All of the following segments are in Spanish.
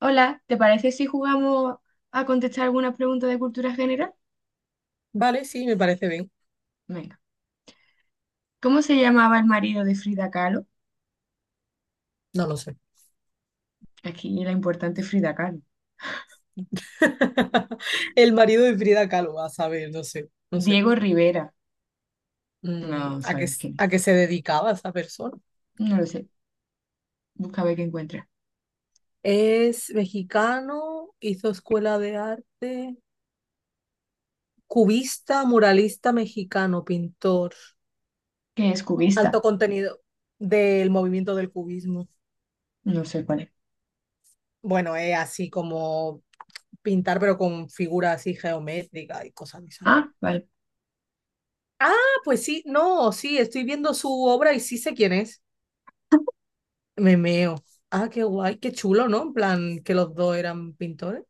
Hola, ¿te parece si jugamos a contestar algunas preguntas de cultura general? Vale, sí, me parece bien. Venga. ¿Cómo se llamaba el marido de Frida Kahlo? No lo sé. Aquí la importante Frida Kahlo. El marido de Frida Kahlo, a saber, no sé, no sé. Diego Rivera. mm, No ¿a qué, sabemos quién es. a qué se dedicaba esa persona? No lo sé. Busca a ver qué encuentra. Es mexicano, hizo escuela de arte, cubista, muralista mexicano, pintor. ¿Qué es Alto cubista? contenido del movimiento del cubismo. No sé cuál es. Bueno, es así como pintar, pero con figuras así geométricas y cosas de esas. Ah, vale. Ah, pues sí, no, sí, estoy viendo su obra y sí sé quién es. Me meo. Ah, qué guay, qué chulo, ¿no? En plan, que los dos eran pintores.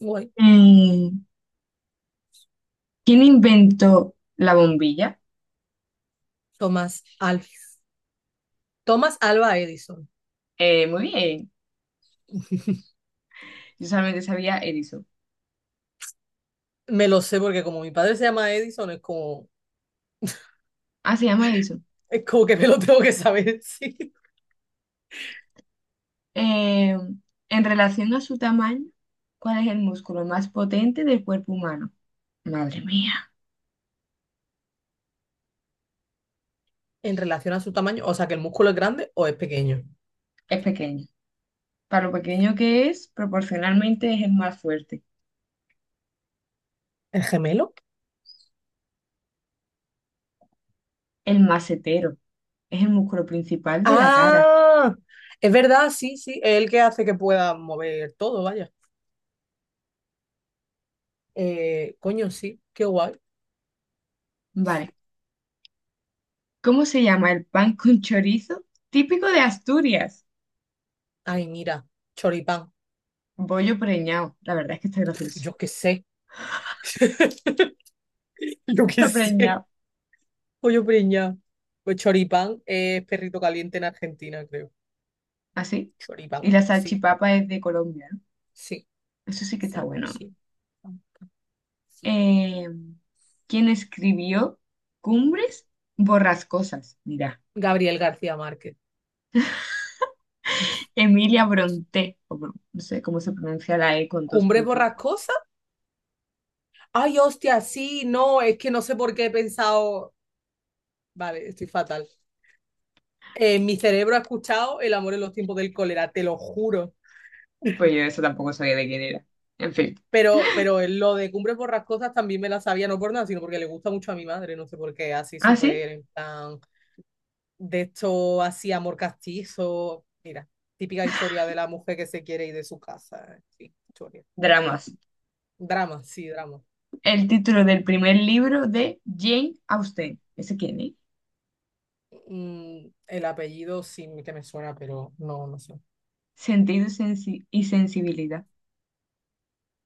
Guay. Mm, ¿Quién inventó la bombilla? Tomás Alf. Tomás Alba Edison. Muy bien. Yo solamente sabía Edison. Me lo sé porque como mi padre se llama Edison, es como, Ah, se llama Edison. es como que me lo tengo que saber, sí. Eh, en relación a su tamaño, ¿cuál es el músculo más potente del cuerpo humano? Madre mía, En relación a su tamaño, o sea, que el músculo es grande o es pequeño. es pequeño. Para lo pequeño que es, proporcionalmente es el más fuerte, ¿El gemelo? el macetero. Es el músculo principal de la cara. Ah, es verdad, sí, sí. Es el que hace que pueda mover todo, vaya. Coño, sí, qué guay. Vale. ¿Cómo se llama el pan con chorizo típico de Asturias? Ay, mira, choripán. Bollo preñado. La verdad es que está gracioso. Yo qué sé. Yo qué Está sé. preñado. Pollo preñado. Pues choripán es perrito caliente en Argentina, creo. Así. Y Choripán, la sí, salchipapa es de Colombia, ¿no? sí, Eso sí que está san, bueno. sí, san, sí. Eh, ¿Quién escribió Cumbres borrascosas? Mira. Gabriel García Márquez. Emilia Bronte, o Bron- no sé cómo se pronuncia la E con dos ¿Cumbre puntitos. borrascosa? Ay, hostia, sí, no, es que no sé por qué he pensado. Vale, estoy fatal. Mi cerebro ha escuchado El amor en los tiempos del cólera, te lo juro. Pues yo eso tampoco sabía de quién era. En fin. Pero lo de Cumbres Borrascosas también me la sabía, no por nada, sino porque le gusta mucho a mi madre, no sé por qué, así Ah, sí, súper en plan. De esto así amor castizo, mira, típica historia de la mujer que se quiere ir de su casa, sí, historia. dramas. Drama, sí, drama. El título del primer libro de Jane Austen. ¿Ese quién es? El apellido sí que me suena, pero no, no sé. Sentido y sensi- y sensibilidad.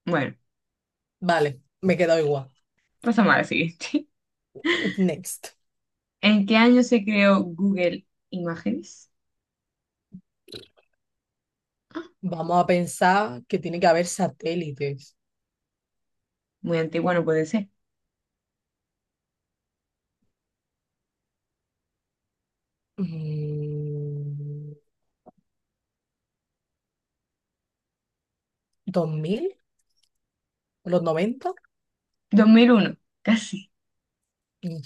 Bueno, Vale, me he quedado igual. pasamos a la siguiente. Next. ¿En qué año se creó Google Imágenes? Ah, Vamos a pensar que tiene que haber satélites. muy antiguo no puede ser. Mm, ¿2000? ¿Los noventa? 2001, casi. Mm.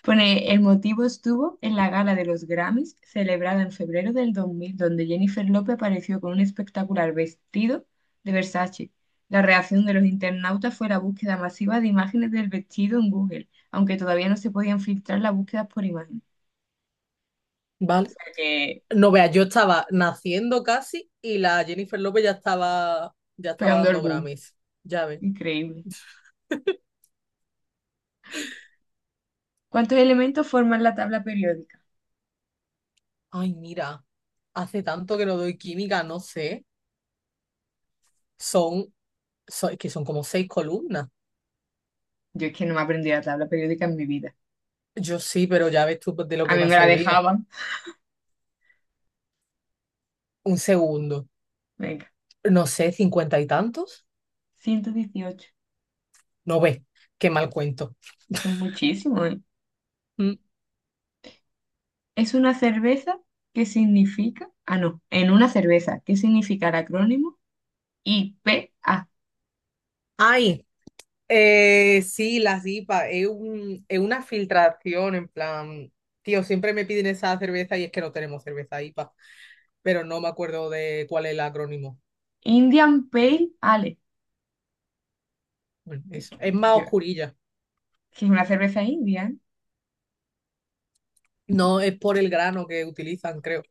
Pone, el motivo estuvo en la gala de los Grammys, celebrada en febrero del 2000, donde Jennifer López apareció con un espectacular vestido de Versace. La reacción de los internautas fue la búsqueda masiva de imágenes del vestido en Google, aunque todavía no se podían filtrar las búsquedas por imagen. O Vale. sea que, No veas, yo estaba naciendo casi y la Jennifer López ya estaba pegando el dando boom. Grammys. Ya ves. Increíble. ¿Cuántos elementos forman la tabla periódica? Ay, mira, hace tanto que no doy química, no sé. Son, es que son como seis columnas. Yo es que no me aprendí la tabla periódica en mi vida. Yo sí, pero ya ves tú de lo A que mí me ha me la servido. dejaban. Un segundo. Venga, No sé, cincuenta y tantos. 118. No ves, qué mal cuento. Son muchísimos, ¿eh? Mm. Es una cerveza que significa, ah, no, en una cerveza, ¿qué significa el acrónimo? I P a Ay, sí, las IPA, es una filtración, en plan, tío, siempre me piden esa cerveza y es que no tenemos cerveza IPA, pero no me acuerdo de cuál es el acrónimo. Indian Pale Ale. Bueno, eso, es más Yo, oscurilla. que es una cerveza india, ¿eh? No, es por el grano que utilizan, creo.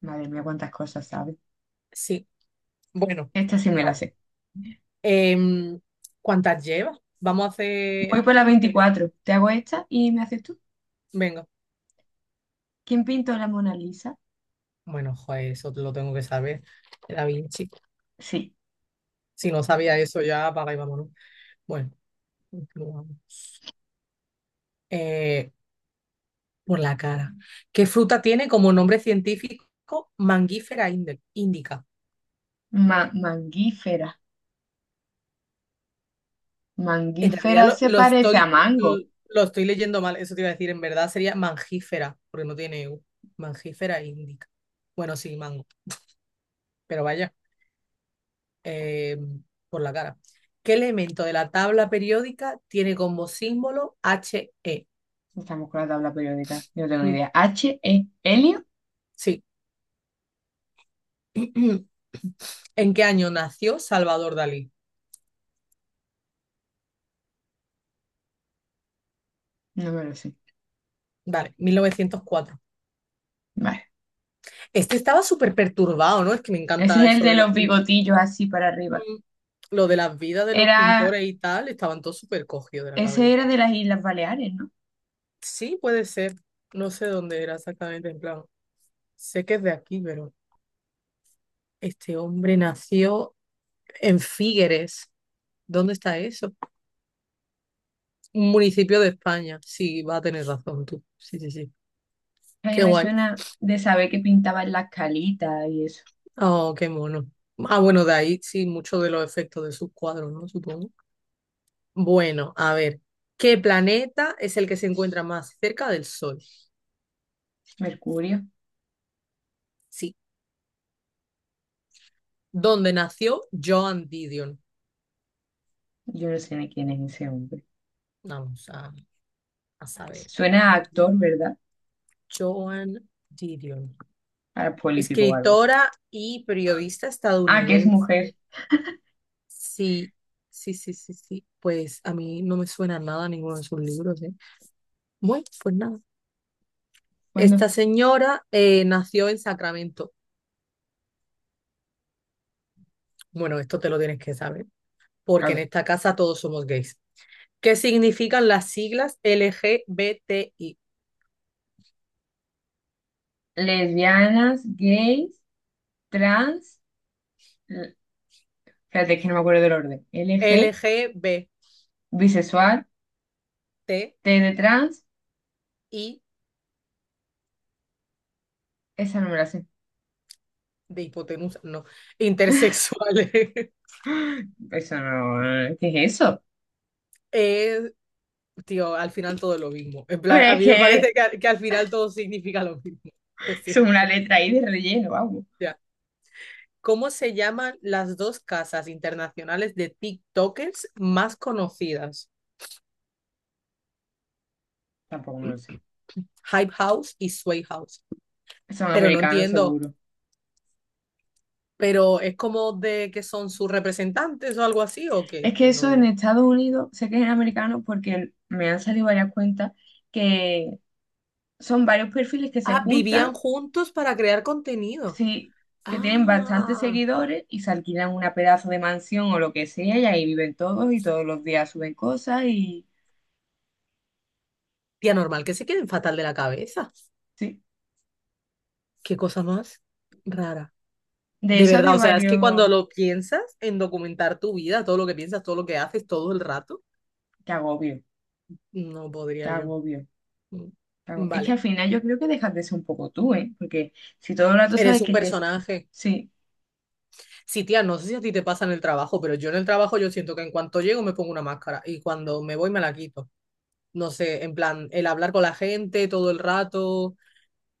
Madre mía, cuántas cosas sabes. Sí, bueno, Esta sí me la vamos. sé. Em, ¿Cuántas llevas? Vamos a Voy hacer por la 15, ¿no? 24. Te hago esta y me haces tú. Venga. ¿Quién pintó la Mona Lisa? Bueno, joder, eso lo tengo que saber. Era bien chico. Sí, Si no sabía eso, ya apaga y vámonos. Bueno, continuamos. Eh, por la cara. ¿Qué fruta tiene como nombre científico Mangifera indica? Mangífera. En realidad Mangífera lo, se lo parece a estoy, mango. lo estoy leyendo mal, eso te iba a decir. En verdad sería mangífera, porque no tiene U. Mangífera indica. Bueno, sí, mango. Pero vaya. eh, por la cara. ¿Qué elemento de la tabla periódica tiene como símbolo HE? Estamos con la tabla periódica. Yo no tengo ni Mm, idea. ¿H-E? ¿Helio? sí. ¿En qué año nació Salvador Dalí? No me lo sé. Vale, 1904. Vale. Este estaba súper perturbado, ¿no? Es que me Ese encanta es el eso de de la... los bigotillos así para arriba. Mm, Lo de las vidas de los Era, pintores y tal, estaban todos súper cogidos de la ese era cabeza. de las Islas Baleares, ¿no? Sí, puede ser. No sé dónde era exactamente, en plan. Sé que es de aquí, pero este hombre nació en Figueres. ¿Dónde está eso? Un municipio de España. Sí, va a tener razón tú. Sí, sí, sí. A mí Qué me guay. suena de saber que pintaban las calitas y eso. Oh, qué mono. Ah, bueno, de ahí sí, muchos de los efectos de sus cuadros, ¿no? Supongo. Bueno, a ver. ¿Qué planeta es el que se encuentra más cerca del Sol? Mercurio, Sí. ¿Dónde nació Joan Didion? yo no sé ni quién es ese hombre. Vamos a saber. Suena a actor, ¿verdad? Joan Didion. A político o algo. Escritora y periodista Ah, que es estadounidense. mujer. Sí, sí, sí, sí, sí. Pues a mí no me suena nada ninguno de sus libros, ¿eh? Bueno, pues nada. ¿Cuándo? Esta señora nació en Sacramento. Bueno, esto te lo tienes que saber, A porque en ver. esta casa todos somos gays. ¿Qué significan las siglas LGBTI? Lesbianas, gays, trans. L- Espérate, que no me acuerdo del orden. L G LGBTI bisexual, T de trans. Esa no me la sé. de hipotenusa, no, intersexuales. Eso no. ¿Qué es eso? Es, tío, al final todo es lo mismo. En Pero plan, a es mí me parece que que, que al final todo significa lo mismo. Lo es una siento. letra ahí de relleno, vamos. Ya. ¿Cómo se llaman las dos casas internacionales de TikTokers más conocidas? Tampoco me lo sé. Hype House y Sway House. Son Pero no americanos, entiendo, seguro. pero es como de que son sus representantes o algo así, o que es Es que que eso en no. Estados Unidos, sé que es en americano porque me han salido varias cuentas que son varios perfiles que se Ah, juntan, vivían juntos para crear contenido. sí, que tienen bastantes Ah, seguidores y se alquilan una pedazo de mansión o lo que sea y ahí viven todos y todos los días suben cosas y tía, normal que se queden fatal de la cabeza. sí. Qué cosa más rara. De De eso verdad, había o sea, es que cuando varios... lo piensas en documentar tu vida, todo lo que piensas, todo lo que haces, todo el rato, Qué agobio, no qué podría yo. agobio, Mm. qué agobio. Es que Vale, al final yo creo que dejas de ser un poco tú, ¿eh? Porque si todo el rato eres sabes un que te... personaje. Sí. Sí, tía, no sé si a ti te pasa en el trabajo, pero yo en el trabajo yo siento que en cuanto llego me pongo una máscara y cuando me voy me la quito. No sé, en plan, el hablar con la gente todo el rato,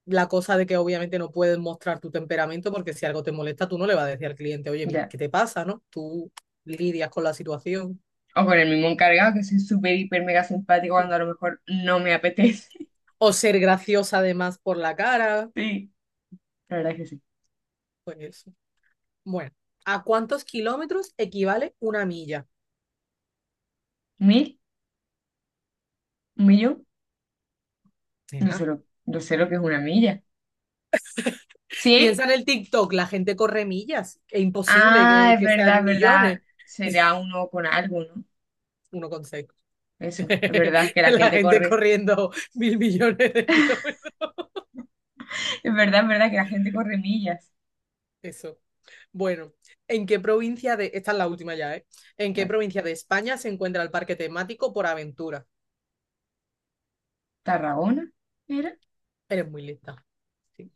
la cosa de que obviamente no puedes mostrar tu temperamento porque si algo te molesta tú no le vas a decir al cliente, oye, mire, Ya. ¿qué te pasa, no? Tú lidias con la situación. O con el mismo encargado, que soy súper, hiper, mega simpático cuando a lo mejor no me apetece. O ser graciosa además por la cara, Sí, la verdad es que sí. pues eso. Bueno, ¿a cuántos kilómetros equivale una milla? ¿Mil? ¿Un millón? No sé Nena, lo, no sé lo que es una milla. ¿Cien? piensa en el TikTok, la gente corre millas. Es imposible Ah, que, es que verdad, sean es millones. verdad. Será uno con algo, ¿no? 1,6. Eso, es verdad que la La gente gente corre. corriendo mil millones de kilómetros. Es verdad que la gente corre millas. Eso. Bueno, ¿en qué provincia de... Esta es la última ya, ¿eh? ¿En qué ¿La provincia de España se encuentra el parque temático Por Aventura? ¿Tarragona era? Eres muy lista. Sí,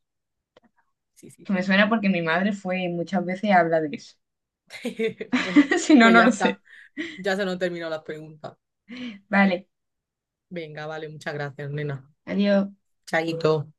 sí, sí, Que me sí, suena sí. porque mi madre fue y muchas veces habla de eso. Bueno, Si no, pues no ya lo está. sé. Ya se nos terminó las preguntas. Vale, Venga, vale, muchas gracias, nena. adiós. Chaito.